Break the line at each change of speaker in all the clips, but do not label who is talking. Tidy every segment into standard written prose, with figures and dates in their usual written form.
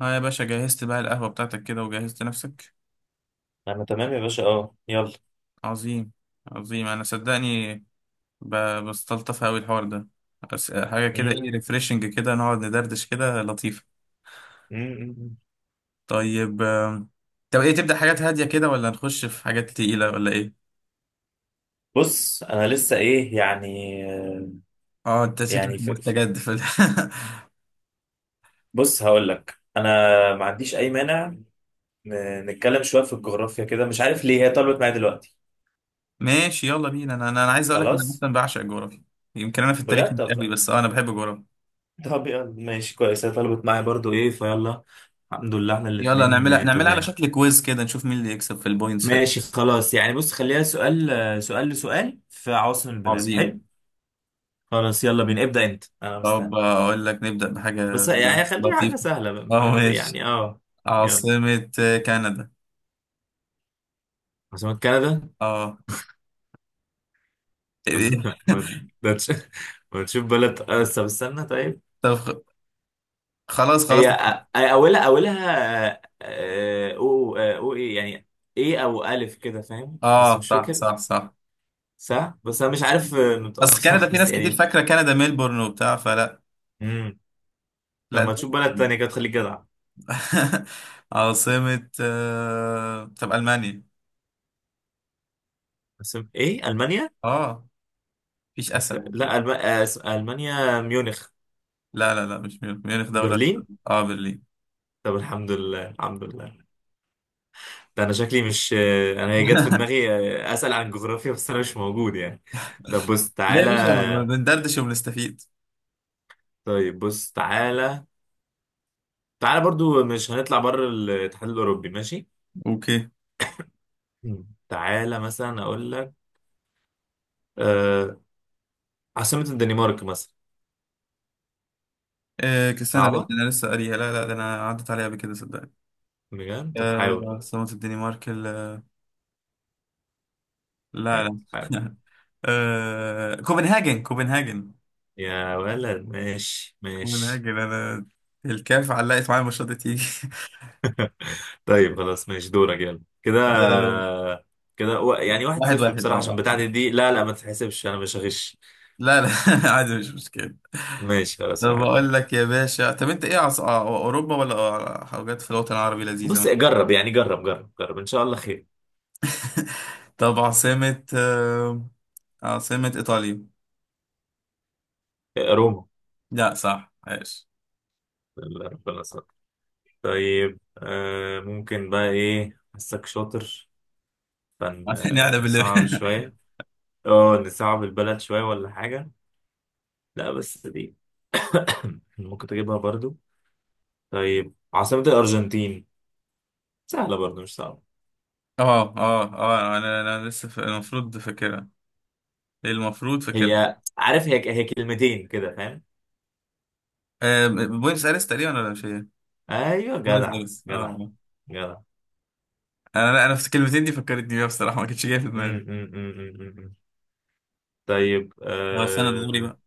اه يا باشا، جهزت بقى القهوة بتاعتك كده وجهزت نفسك.
انا تمام يا باشا يلا.
عظيم. عظيم، انا صدقني. بستلطف اوي الحوار ده. بس حاجة كده، ايه
مم.
ريفريشنج كده، نقعد ندردش كده لطيفة.
مم.
طيب. طب ايه، تبدأ حاجات هادية كده ولا نخش في حاجات تقيلة ولا ايه؟
بص انا لسه ايه يعني.
اه، انت
يعني
شكلك
ف... ف-
مستجد في ال-
بص هقول لك انا، ما عنديش اي مانع. نتكلم شويه في الجغرافيا كده، مش عارف ليه هي طلبت معايا دلوقتي.
ماشي، يلا بينا. انا انا أنا عايز اقولك، انا
خلاص.
مثلا بعشق الجغرافيا. يمكن انا في التاريخ
بجد،
مش قوي، بس انا بحب الجغرافيا.
طب يلا ماشي كويس، هي طلبت معايا برضو ايه فيلا. الحمد لله احنا
يلا
الاتنين
نعملها، نعملها على
تمام.
شكل كويز كده نشوف مين اللي يكسب في البوينتس في الآخر.
ماشي خلاص، يعني بص خليها سؤال، سؤال لسؤال في عواصم البلاد،
عظيم.
حلو. خلاص يلا بينا، ابدأ انت، انا
طب
مستني.
أقول لك نبدأ
بس
بحاجة
يعني خليه حاجة
لطيفة.
سهلة بقى،
أه،
فاهم
ماشي.
يعني اه يلا.
عاصمة كندا؟
عاصمة كندا؟
أه. إيه؟
ما ما تش- ما تشوف بلد، بس طب استنى طيب.
طب خلاص خلاص.
هي أولها أو إيه يعني؟ إيه أو ألف كده فاهم، بس
أه،
مش
صح
فاكر.
صح صح.
صح، بس أنا مش عارف نطقها
أصل كندا
بصراحة
في
بس
ناس كتير
يعني.
فاكرة كندا ميلبورن وبتاع فلا.
مم. طب
لا.
ما تشوف بلد تانية كده تخليك جدع.
عاصمة طب ألمانيا؟
بس إيه؟ ألمانيا؟
أه، مفيش أسهل من كده.
لا، ألمانيا ميونخ.
لا لا لا، مش ميونخ، ميونخ دولة.
برلين.
أه، برلين.
طب الحمد لله الحمد لله، ده انا شكلي مش... انا هي جت في دماغي. اسال عن الجغرافيا بس انا مش موجود يعني. طب بص
لا يا
تعالى.
باشا، بندردش وبنستفيد.
طيب بص تعالى، تعالى برضو، مش هنطلع بره الاتحاد الاوروبي ماشي.
اوكي.
مم. تعالى مثلا اقول لك، آه... عاصمة الدنمارك مثلا.
آه، كسانة. لا، ده
صعبة
انا لسه قاريها. لا لا، ده انا عدت عليها قبل كده صدق.
بجد؟ طب
آه،
حاول،
عاصمة الدنمارك ال- لا
حاول
لا.
حاول.
آه، كوبنهاجن كوبنهاجن.
يا ولد ماشي ماشي.
كوبنهاجن، انا الكاف علقت معايا الماتشات دي تيجي.
طيب خلاص ماشي دورك يلا كده،
آه،
يعني واحد
واحد
صفر
واحد.
بصراحة،
اه،
عشان
واحد واحد.
بتاعتي دي، لا لا ما تتحسبش، انا مش هغش.
لا لا. عادي، مش مشكلة.
ماشي
طب
خلاص واحد.
بقول لك يا باشا، طب انت ايه، عص... آه، اوروبا ولا حاجات في الوطن العربي لذيذة؟
بص جرب يعني، جرب جرب جرب، ان شاء الله خير.
طب عاصمة ايطاليا؟
روما.
لا، صح، عايش.
اللي ربنا ستر. طيب ممكن بقى، ايه حسك شاطر،
عشان قاعدة بالليل.
فنصعب شوية. اه نصعب البلد شوية ولا حاجة؟ لا بس دي ممكن تجيبها برضو. طيب عاصمة الأرجنتين، سهلة برضو مش صعبة.
اه اه اه، انا لسه المفروض فاكرها. المفروض فاكرها.
هي عارف، هي كلمتين كده فاهم.
آه، بوينس ايرس تقريبا، ولا مش هي؟
ايوه
بوينس
جدع،
ايرس، اه،
جدع
آه.
جدع.
انا، لا، انا في الكلمتين دي فكرتني بيها بصراحه، ما كانتش جايه في
م-
دماغي.
م- م- م- م- م. طيب
اه، استنى، ده دوري
آه،
بقى.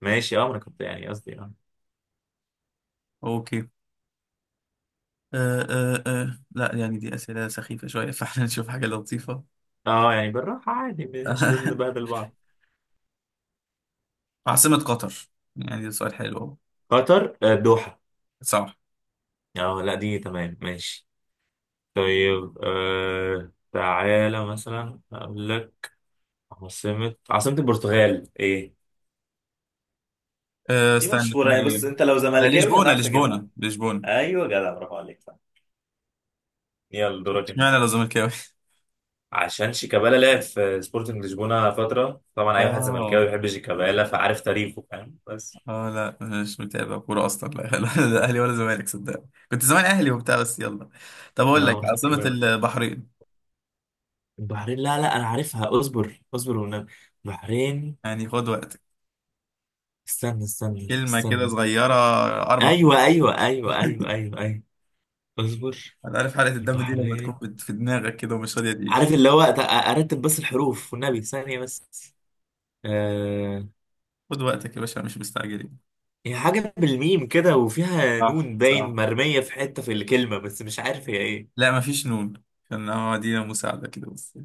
ماشي. اه ما انا كنت يعني، قصدي اه
اوكي. آه آه آه. لا يعني دي اسئله سخيفه شويه، فاحنا نشوف حاجه لطيفه.
اه، يعني بالراحة عادي، مش لازم نبهدل بعض.
عاصمه قطر؟ يعني ده سؤال حلو أهو.
قطر، الدوحة.
صح.
اه، لا دي تمام ماشي. طيب آه، تعالى مثلا اقول لك عاصمة البرتغال ايه.
آه،
دي
استنى،
مشهورة
اسمها
يعني، بص
ايه؟
انت لو
لا،
زملكاوي
لشبونه
هتعرف
لشبونه
تجيبها.
لشبونه.
ايوه جدع، برافو عليك صح. يلا دورك انت.
اشمعنى لو زملكاوي؟
عشان شيكابالا لعب في سبورتنج لشبونة فترة، طبعا اي واحد
اه،
زملكاوي بيحب شيكابالا فعارف تاريخه، فاهم بس.
اه، لا مش متابع كوره اصلا، لا. لا. لا اهلي ولا زمالك صدق. كنت زمان اهلي وبتاع، بس يلا. طب اقول لك،
اه ما خدت
عاصمه
بالي.
البحرين؟
البحرين، لا لا انا عارفها، اصبر اصبر والنبي. البحرين،
يعني خد وقتك.
استنى استنى
كلمة كده
استنى.
صغيرة. 4 حروف.
ايوه ايوه ايوه ايوه ايوه ايوه، اصبر.
أنا عارف، حلقة الدم دي لما تكون
البحرين،
في دماغك كده ومش راضية تيجي.
عارف اللي هو ارتب بس الحروف والنبي، ثانيه بس. آه...
خد وقتك يا باشا، مش مستعجلين.
هي حاجه بالميم كده، وفيها
صح،
نون باين،
صح.
مرميه في حته في الكلمه، بس مش عارف هي ايه.
لا، مفيش نون. كان هو دي مساعدة كده بس.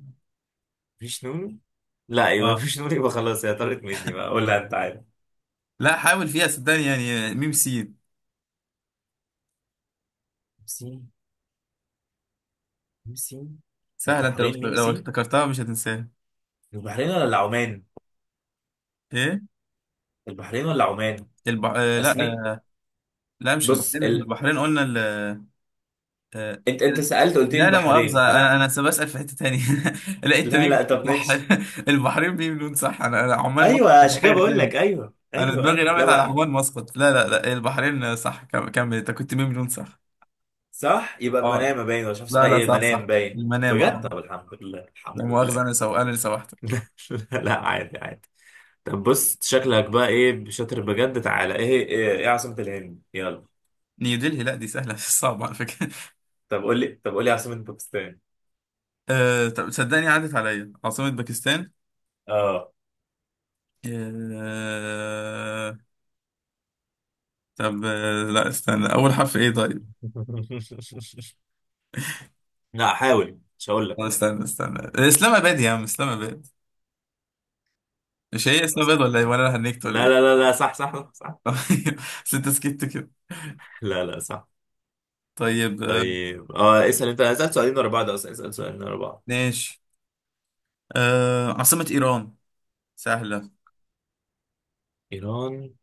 مفيش نون؟ لا، يبقى
اه.
مفيش نون، يبقى خلاص هي طارت مني بقى، قول لها انت عارف.
لا، حاول فيها صدقني، يعني ميم سين.
ميم، ميمسي.
سهلة. أنت لو
البحرين
لو
ميمسي؟
افتكرتها مش هتنساها.
البحرين ولا عمان؟
إيه؟
البحرين ولا عمان؟
البح... آه، لا.
اسمي.
لا، مش
بص
البحرين، إحنا
ال...
البحرين قلنا. آه،
انت سألت قلت لي
لا، لا
البحرين
مؤاخذة. أنا
فانا...
أنا لسه بسأل في حتة تانية. لا، أنت
لا
مين؟
لا طب
صح.
ماشي.
البحرين مين لون صح. أنا عمان مسقط،
ايوه
ده
عشان كده
حاجة
بقول لك
تانية.
ايوه
أنا
ايوه
دماغي
ايوه، لا
رمت على
بقى.
عمان مسقط. لا لا لا، البحرين صح. كمل، أنت كنت مين لون صح.
صح، يبقى
أه،
المنامه باين، ولا مش عارف
لا
اسمها
لا،
ايه،
صح
المنام
صح،
باين.
المنامة.
بجد؟ طب
أه.
الحمد لله
لا
الحمد
مؤاخذة،
لله.
أنا اللي سوحتك.
لا لا، عادي عادي. طب بص شكلك بقى ايه شاطر بجد، تعالى، إيه عاصمة الهند يلا.
نيودلهي، لا دي سهلة. مش صعبة على فكرة.
طب قول لي، عاصمة باكستان.
أه، طب صدقني عدت عليا عاصمة باكستان.
اه.
أه. طب، لا استنى، أول حرف إيه طيب؟
لا حاول، مش هقول لك.
طب استنى استنى، اسلام اباد يا عم، اسلام اباد. مش
مش
هي اسلام
خلاص
اباد، ولا ايه،
حاضر.
ولا انا هنكت ولا
لا لا
ايه؟
لا لا صح صح صح, صح.
طيب. بس انت سكت كده.
لا لا صح.
طيب.
طيب اسال انت، اسال سؤالين ورا بعض اصلا، اسال سؤالين ورا بعض.
ماشي. عاصمة ايران. سهلة،
ايران،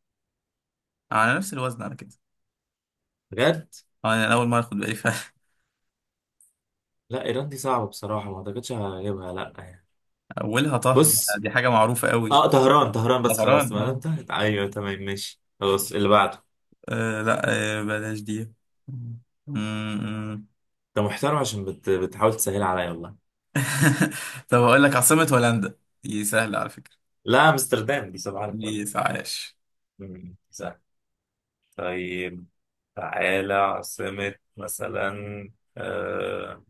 على نفس الوزن على كده.
بجد؟
يعني انا اول مرة اخد بالي فعلا.
لا ايران دي صعبه بصراحه، ما اعتقدش هجيبها لا يعني.
اولها طه.
بص
دي حاجة معروفة قوي.
اه طهران، طهران بس خلاص،
طهران،
ما دام
اه.
انتهت، ايوه تمام ماشي، خلاص اللي بعده.
لا. بلاش دي. م- م.
انت محترم، عشان بتحاول تسهل عليا والله.
طب اقول لك عاصمة هولندا، دي سهلة على فكرة.
لا امستردام دي صباح
دي
الفل.
عاش.
مم، سهل. طيب تعالى، عاصمة مثلا، آه،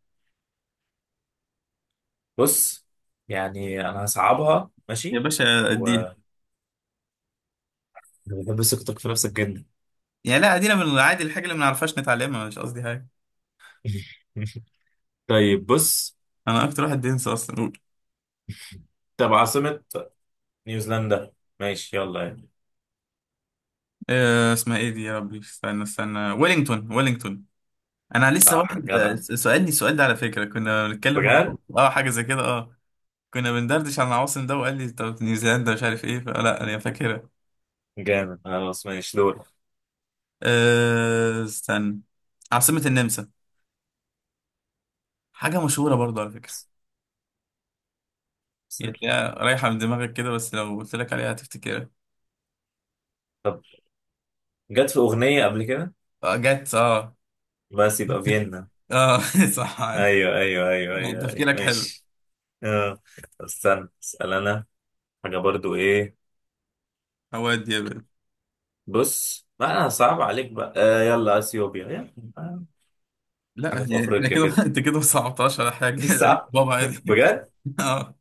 بص، يعني انا هصعبها
يا
ماشي،
باشا،
و
اديها.
أنا بحب ثقتك في نفسك جدا.
يعني لا، ادينا من العادي، الحاجة اللي ما نعرفهاش نتعلمها، مش قصدي حاجة.
طيب بص،
انا اكتر واحد بينسى اصلا، قول.
طب عاصمة نيوزيلندا، ماشي يلا.
آه، اسمها ايه دي يا ربي، استنى استنى، ويلينغتون ويلينغتون. انا لسه
صح
واحد
جدع،
سألني السؤال ده على فكرة، كنا بنتكلم مع-
بجد،
اه، حاجة زي كده، اه. كنا بندردش عن العواصم ده وقال لي طب نيوزيلندا مش عارف ايه فلا، انا فاكرها.
جامد، خلاص ماشي دور.
آه، استنى. عاصمة النمسا، حاجة مشهورة برضه على فكرة. هي تلاقيها رايحة من دماغك كده، بس لو قلت لك عليها هتفتكرها.
طب، جت في أغنية قبل كده،
آه، جت، اه.
بس يبقى فيينا.
اه. صح، عادي.
أيوه أيوه أيوه
لا،
أيوه, أيوه.
تفكيرك حلو.
ماشي. آه. طب استنى، اسأل أنا حاجة برضو إيه.
هو دي.
بص ما أنا صعب عليك بقى، آه يلا أثيوبيا يلا.
لا،
حاجة في
هي- احنا
أفريقيا
كده.
كده،
انت كده ما صعبتهاش على حاجه،
دي
يعني
صعب
بابا عادي.
بجد،
اه.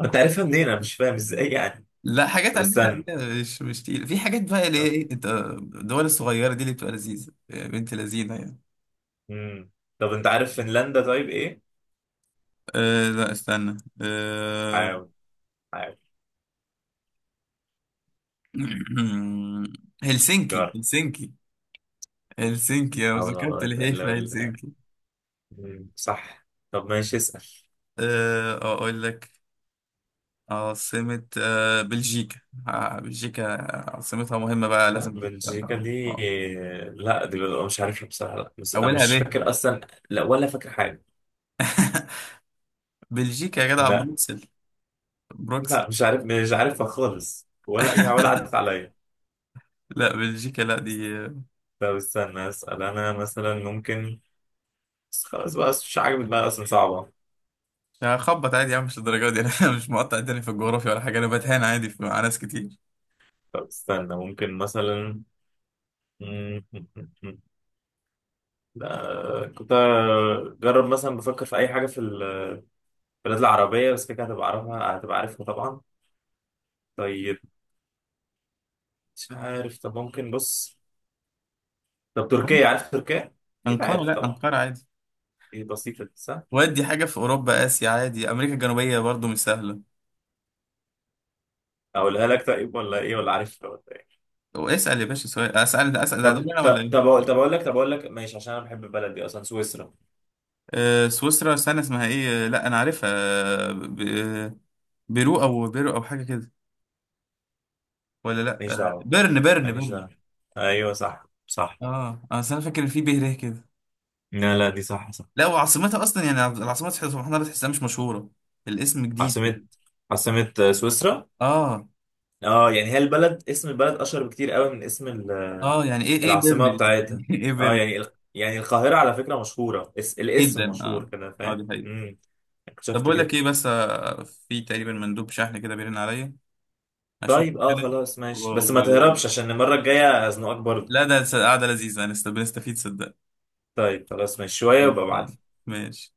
أنت عارفها منين، أنا مش فاهم إزاي يعني.
لا، حاجات
طب
على فكره
استنى،
عادية، مش تقيل، في حاجات بقى اللي هي
طب،
ايه، انت الدول الصغيره دي اللي بتبقى لذيذه يا بنت، لذينه يعني.
مم، طب أنت عارف فنلندا طيب إيه؟
أه، لا استنى. أه.
حاول، حاول،
هلسنكي
جرب،
هلسنكي. هلسنكي، انا
حاول
ذكرت
والله
اللي هي في
إلا بالله.
هلسنكي.
مم، صح. طب ماشي، اسأل.
أه، اقول لك عاصمه بلجيكا. بلجيكا، عاصمتها مهمه بقى،
لا
لازم
بلجيكا
تبقى-
دي،
آه.
لا دي ببقى مش عارفها بصراحة، لا بس أنا
اولها
مش
ب.
فاكر أصلا، لا ولا فاكر حاجة،
بلجيكا يا جدع،
لا
بروكسل. بروكسل.
لا مش عارف مش عارفها خالص، ولا يا، ولا عدت عليا.
لا، بلجيكا لا
بس-
دي.
طب استنى أسأل أنا مثلا ممكن، بس خلاص بقى مش عاجبك بقى أصلا، صعبة.
يعني خبط عادي يا عم، مش الدرجه دي. انا مش مقطع الدنيا في الجغرافيا ولا حاجه، انا بتهان عادي في- مع ناس كتير.
طب استنى ممكن مثلا، مم، مم، مم، مم. لا كنت أجرب مثلا بفكر في أي حاجة في البلاد العربية، بس كده هتبقى عارفها هتبقى عارفها طبعا. طيب، مش عارف، طب ممكن بص، طب تركيا عارف تركيا؟ أكيد
انقره،
عارف
لا
طبعا.
انقره عادي.
ايه بسيطة دي، صح؟
ودي حاجه في اوروبا، اسيا عادي، امريكا الجنوبيه برضو مش سهله.
أقولها لك طيب ولا إيه، ولا عارف ولا إيه؟
واسال يا باشا سؤال، اسال اسال هدول انا ولا ايه؟
طب أقول لك، ماشي، عشان أنا بحب البلد دي أصلا، سويسرا.
سويسرا، استنى اسمها ايه، لا انا عارفها، بيرو او بيرو او حاجه كده. ولا لا،
ماليش دعوة،
بيرن بيرن
ماليش
بيرن.
دعوة. أيوه صح صح.
اه، اصل انا فاكر إن في به ر كده.
لا لا، دي صح صح.
لا، وعاصمتها اصلا يعني العاصمه سبحان الله بتحسها مش مشهوره، الاسم جديد كده.
عاصمة عاصمة سويسرا.
اه،
اه يعني هي البلد، اسم البلد أشهر بكتير قوي من اسم
اه، يعني ايه، ايه بيرن
العاصمة
دي
بتاعتها.
يعني. ايه
اه
بيرن؟
يعني يعني القاهرة على فكرة مشهورة، الاسم
جدا،
مشهور
اه.
كده،
اه،
فاهم؟
دي حقيقة. طب
شفت
بقول
كده.
لك ايه بس، في تقريبا مندوب شحن كده بيرن عليا، اشوفه
طيب اه
كده.
خلاص
و...
ماشي، بس ما
و...
تهربش عشان المرة الجاية هزنقك برضه.
لا ده قعده لذيذه، بنستفيد صدق.
طيب خلاص ماشي، شوية وابقى
خلاص.
ابعت.
ماشي.